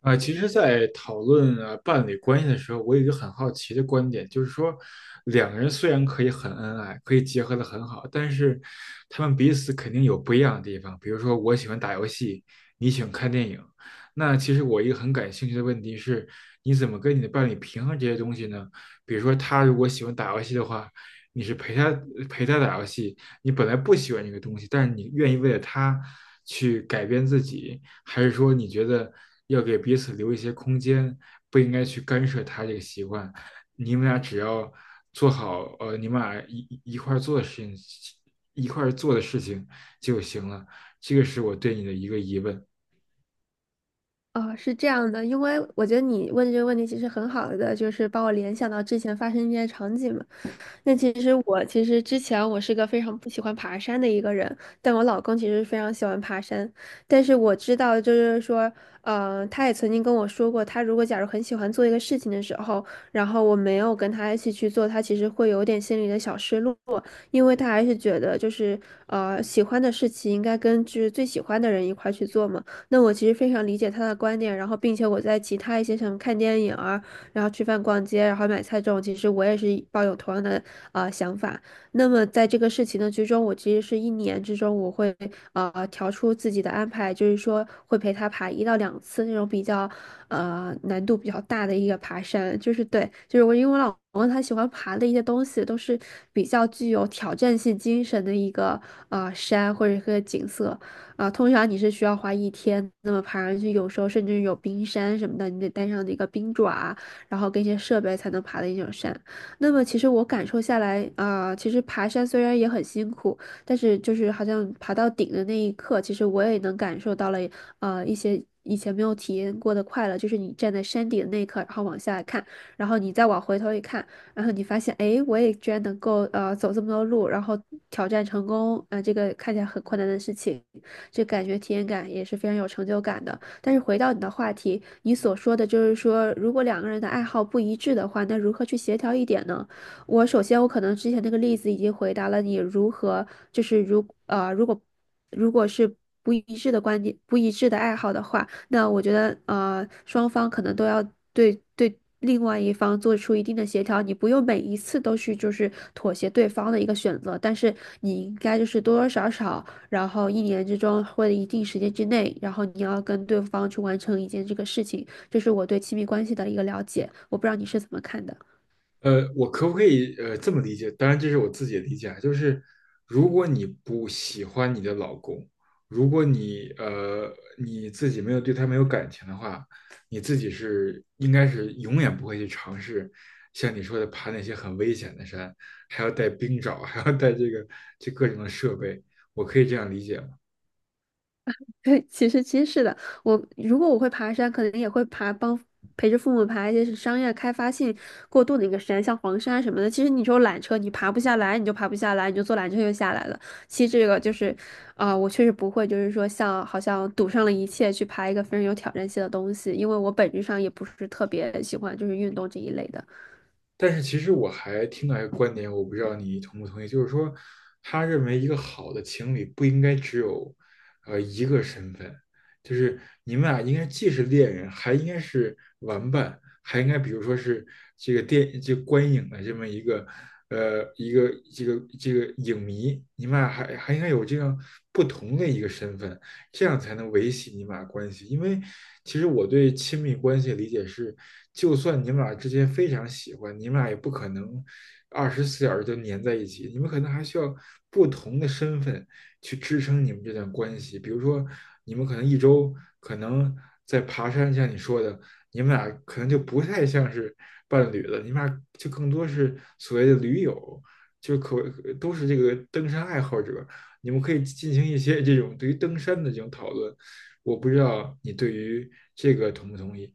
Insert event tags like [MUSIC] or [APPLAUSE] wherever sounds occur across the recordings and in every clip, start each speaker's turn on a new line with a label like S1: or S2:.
S1: 其实，在讨论伴侣关系的时候，我有一个很好奇的观点，就是说，两个人虽然可以很恩爱，可以结合的很好，但是他们彼此肯定有不一样的地方。比如说，我喜欢打游戏，你喜欢看电影。那其实我一个很感兴趣的问题是，你怎么跟你的伴侣平衡这些东西呢？比如说，他如果喜欢打游戏的话，你是陪他打游戏，你本来不喜欢这个东西，但是你愿意为了他去改变自己。还是说你觉得要给彼此留一些空间，不应该去干涉他这个习惯？你们俩只要做好，你们俩一块儿做的事情就行了。这个是我对你的一个疑问。
S2: 哦，是这样的，因为我觉得你问这个问题其实很好的，就是把我联想到之前发生一些场景嘛。那其实我其实之前我是个非常不喜欢爬山的一个人，但我老公其实非常喜欢爬山。但是我知道，就是说，他也曾经跟我说过，他如果假如很喜欢做一个事情的时候，然后我没有跟他一起去做，他其实会有点心里的小失落，因为他还是觉得就是喜欢的事情应该跟就是最喜欢的人一块儿去做嘛。那我其实非常理解他的观点，然后并且我在其他一些什么看电影啊，然后吃饭、逛街，然后买菜这种，其实我也是抱有同样的想法。那么在这个事情的之中，我其实是一年之中，我会调出自己的安排，就是说会陪他爬一到两次那种比较难度比较大的一个爬山，就是对，就是我因为我老公他喜欢爬的一些东西都是比较具有挑战性精神的一个山或者一个景色。啊，通常你是需要花一天那么爬上去，有时候甚至有冰山什么的，你得带上那个冰爪啊，然后跟一些设备才能爬的一种山。那么其实我感受下来，其实爬山虽然也很辛苦，但是就是好像爬到顶的那一刻，其实我也能感受到了，一些以前没有体验过的快乐，就是你站在山顶的那一刻，然后往下看，然后你再往回头一看。然后你发现，哎，我也居然能够走这么多路，然后挑战成功，这个看起来很困难的事情，这感觉体验感也是非常有成就感的。但是回到你的话题，你所说的就是说，如果两个人的爱好不一致的话，那如何去协调一点呢？我首先，我可能之前那个例子已经回答了你如何，就是如果如果是不一致的观点、不一致的爱好的话，那我觉得双方可能都要对另外一方做出一定的协调。你不用每一次都去就是妥协对方的一个选择，但是你应该就是多多少少，然后一年之中或者一定时间之内，然后你要跟对方去完成一件这个事情。这是我对亲密关系的一个了解，我不知道你是怎么看的。
S1: 我可不可以这么理解？当然，这是我自己的理解啊，就是如果你不喜欢你的老公，如果你自己没有对他没有感情的话，你自己是应该是永远不会去尝试像你说的爬那些很危险的山，还要带冰爪，还要带这各种的设备。我可以这样理解吗？
S2: 对，其实是的，如果我会爬山，可能也会陪着父母爬一些是商业开发性过度的一个山，像黄山什么的。其实你说缆车，你爬不下来，你就爬不下来，你就坐缆车就下来了。其实这个就是，我确实不会，就是说像好像赌上了一切去爬一个非常有挑战性的东西，因为我本质上也不是特别喜欢就是运动这一类的。
S1: 但是其实我还听到一个观点，我不知道你同不同意，就是说，他认为一个好的情侣不应该只有，一个身份，就是你们俩应该既是恋人，还应该是玩伴，还应该比如说是这个电这个观影的这么一个这个影迷，你们俩还应该有这样不同的一个身份，这样才能维系你们俩关系。因为其实我对亲密关系的理解是，就算你们俩之间非常喜欢，你们俩也不可能24小时就粘在一起，你们可能还需要不同的身份去支撑你们这段关系。比如说，你们可能一周可能在爬山，像你说的，你们俩可能就不太像是伴侣了，你们俩就更多是所谓的驴友。就可都是这个登山爱好者，你们可以进行一些这种对于登山的这种讨论。我不知道你对于这个同不同意。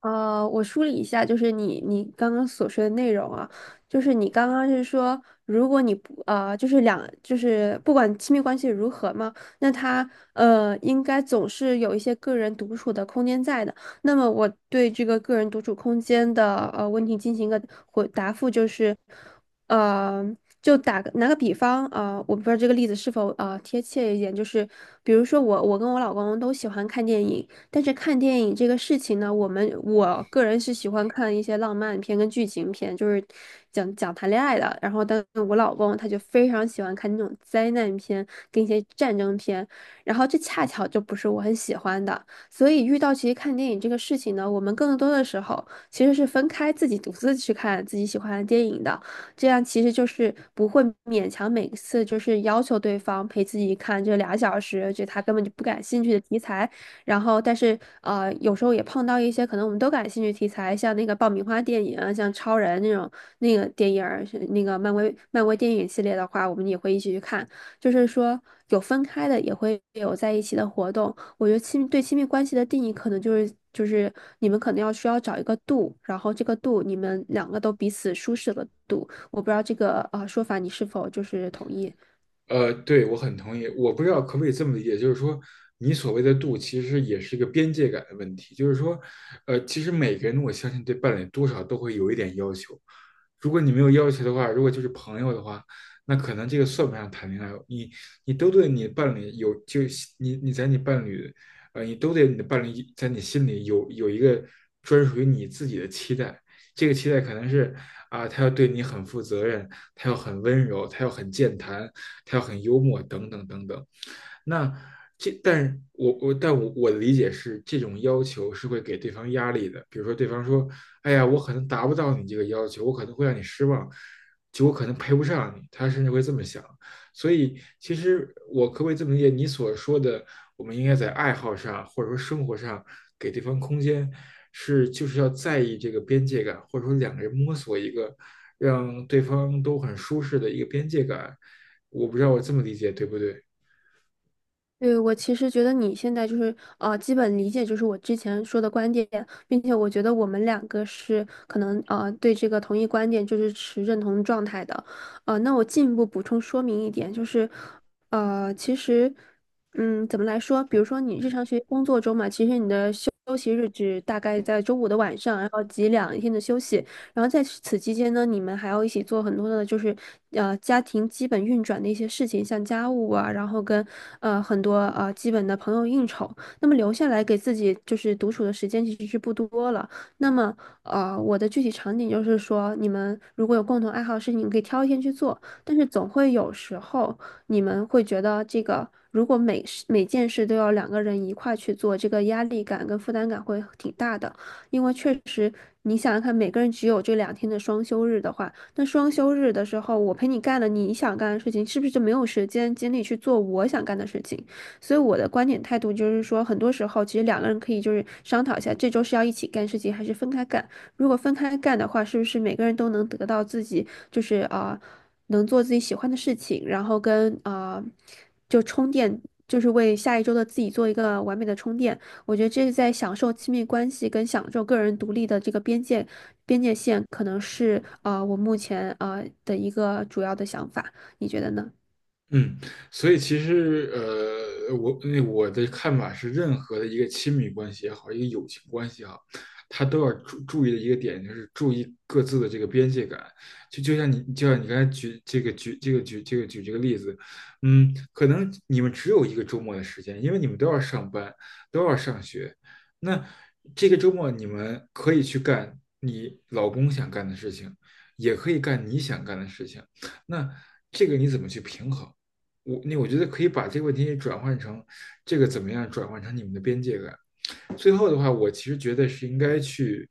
S2: 呃，我梳理一下，就是你刚刚所说的内容啊，就是你刚刚是说，如果你不呃，就是就是不管亲密关系如何嘛，那他应该总是有一些个人独处的空间在的。那么我对这个个人独处空间的问题进行一个回答复，就是呃，就打个拿个比方啊、我不知道这个例子是否贴切一点，就是比如说我跟我老公都喜欢看电影。但是看电影这个事情呢，我个人是喜欢看一些浪漫片跟剧情片，就是讲谈恋爱的。然后，但是我老公他就非常喜欢看那种灾难片跟一些战争片，然后这恰巧就不是我很喜欢的。所以遇到其实看电影这个事情呢，我们更多的时候其实是分开自己独自去看自己喜欢的电影的，这样其实就是不会勉强每次就是要求对方陪自己看这俩小时，就他根本就不感兴趣的题材。然后但是有时候也碰到一些可能我们都感兴趣题材，像那个爆米花电影啊，像超人那种那个电影儿，是那个漫威电影系列的话，我们也会一起去看。就是说有分开的，也会有在一起的活动。我觉得对亲密关系的定义，可能就是你们可能要需要找一个度，然后这个度你们两个都彼此舒适的度。我不知道这个说法你是否就是同意。
S1: 对，我很同意。我不知道可不可以这么理解，就是说，你所谓的度，其实也是一个边界感的问题。就是说，其实每个人，我相信对伴侣多少都会有一点要求。如果你没有要求的话，如果就是朋友的话，那可能这个算不上谈恋爱。你都对你伴侣有，就你在你伴侣，你都对你的伴侣在你心里有一个专属于你自己的期待。这个期待可能是啊，他要对你很负责任，他要很温柔，他要很健谈，他要很幽默，等等等等。那但是我我但我我的理解是，这种要求是会给对方压力的。比如说，对方说：“哎呀，我可能达不到你这个要求，我可能会让你失望，就我可能配不上你。”他甚至会这么想。所以，其实我可不可以这么理解？你所说的，我们应该在爱好上或者说生活上给对方空间，是就是要在意这个边界感，或者说两个人摸索一个让对方都很舒适的一个边界感。我不知道我这么理解对不对？
S2: 对，我其实觉得你现在就是基本理解就是我之前说的观点，并且我觉得我们两个是可能对这个同一观点就是持认同状态的，那我进一步补充说明一点，就是其实,怎么来说？比如说你日常学习工作中嘛，其实你的休息日只大概在周五的晚上，然后挤两天的休息，然后在此期间呢，你们还要一起做很多的，就是家庭基本运转的一些事情，像家务啊，然后跟很多基本的朋友应酬。那么留下来给自己就是独处的时间其实是不多了。那么我的具体场景就是说，你们如果有共同爱好的事情，你可以挑一天去做，但是总会有时候你们会觉得这个。如果每件事都要两个人一块去做，这个压力感跟负担感会挺大的。因为确实你想想看，每个人只有这两天的双休日的话，那双休日的时候，我陪你干了你想干的事情，是不是就没有时间精力去做我想干的事情？所以我的观点态度就是说，很多时候其实两个人可以就是商讨一下，这周是要一起干事情，还是分开干？如果分开干的话，是不是每个人都能得到自己就是能做自己喜欢的事情，然后跟就充电，就是为下一周的自己做一个完美的充电。我觉得这是在享受亲密关系跟享受个人独立的这个边界线，可能是我目前的一个主要的想法。你觉得呢？
S1: 嗯，所以其实，我的看法是，任何的一个亲密关系也好，一个友情关系也好，他都要注意的一个点就是注意各自的这个边界感。就像你刚才举这个例子，可能你们只有一个周末的时间，因为你们都要上班，都要上学。那这个周末你们可以去干你老公想干的事情，也可以干你想干的事情。那这个你怎么去平衡？我觉得可以把这个问题转换成这个怎么样转换成你们的边界感。最后的话，我其实觉得是应该去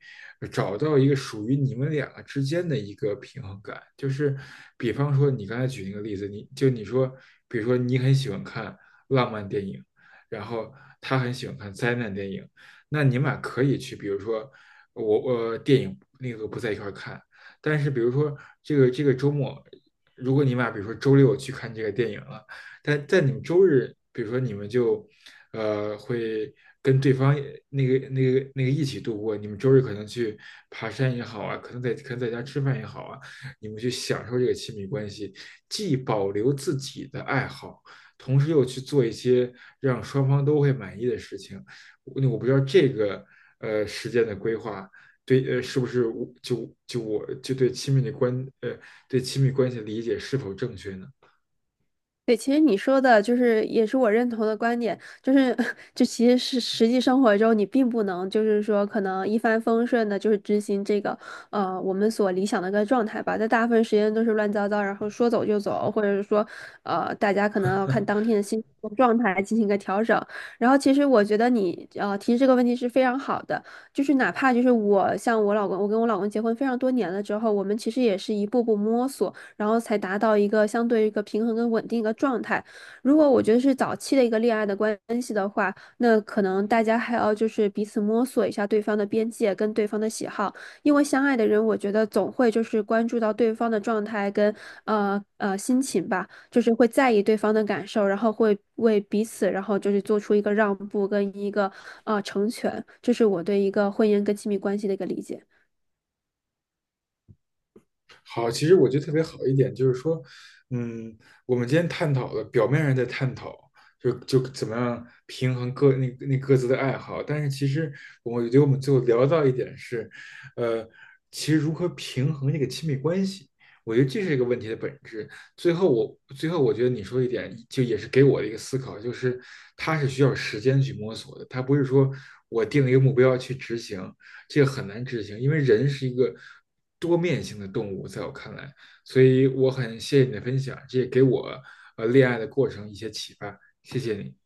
S1: 找到一个属于你们两个之间的一个平衡感。就是比方说你刚才举那个例子，你说，比如说你很喜欢看浪漫电影，然后他很喜欢看灾难电影，那你们俩可以去，比如说我电影那个不在一块看，但是比如说这个周末。如果你们俩比如说周六去看这个电影了，但在你们周日，比如说你们就会跟对方那个一起度过，你们周日可能去爬山也好啊，可能在家吃饭也好啊，你们去享受这个亲密关系，既保留自己的爱好，同时又去做一些让双方都会满意的事情。那我不知道这个时间的规划。对，是不是我就就我就对亲密的关，呃，对亲密关系的理解是否正确呢？
S2: 对，其实你说的就是也是我认同的观点，就是 [LAUGHS] 就其实是实际生活中你并不能就是说可能一帆风顺的，就是执行这个我们所理想的一个状态吧，在大部分时间都是乱糟糟，然后说走就走，或者是说大家可能要看当天的心情和状态来进行一个调整。然后其实我觉得你提这个问题是非常好的，就是哪怕就是我像我老公，我跟我老公结婚非常多年了之后，我们其实也是一步步摸索。然后才达到一个相对一个平衡跟稳定一个状态。如果我觉得是早期的一个恋爱的关系的话，那可能大家还要就是彼此摸索一下对方的边界跟对方的喜好，因为相爱的人，我觉得总会就是关注到对方的状态跟心情吧，就是会在意对方的感受，然后会为彼此，然后就是做出一个让步跟一个成全，这是我对一个婚姻跟亲密关系的一个理解。
S1: 好，其实我觉得特别好一点就是说，嗯，我们今天探讨的表面上在探讨，就怎么样平衡各那那各自的爱好，但是其实我觉得我们最后聊到一点是，呃，其实如何平衡这个亲密关系，我觉得这是一个问题的本质。最后我觉得你说一点，就也是给我的一个思考，就是它是需要时间去摸索的，它不是说我定了一个目标去执行，这个很难执行，因为人是一个多面性的动物，在我看来，所以我很谢谢你的分享，这也给我恋爱的过程一些启发，谢谢你。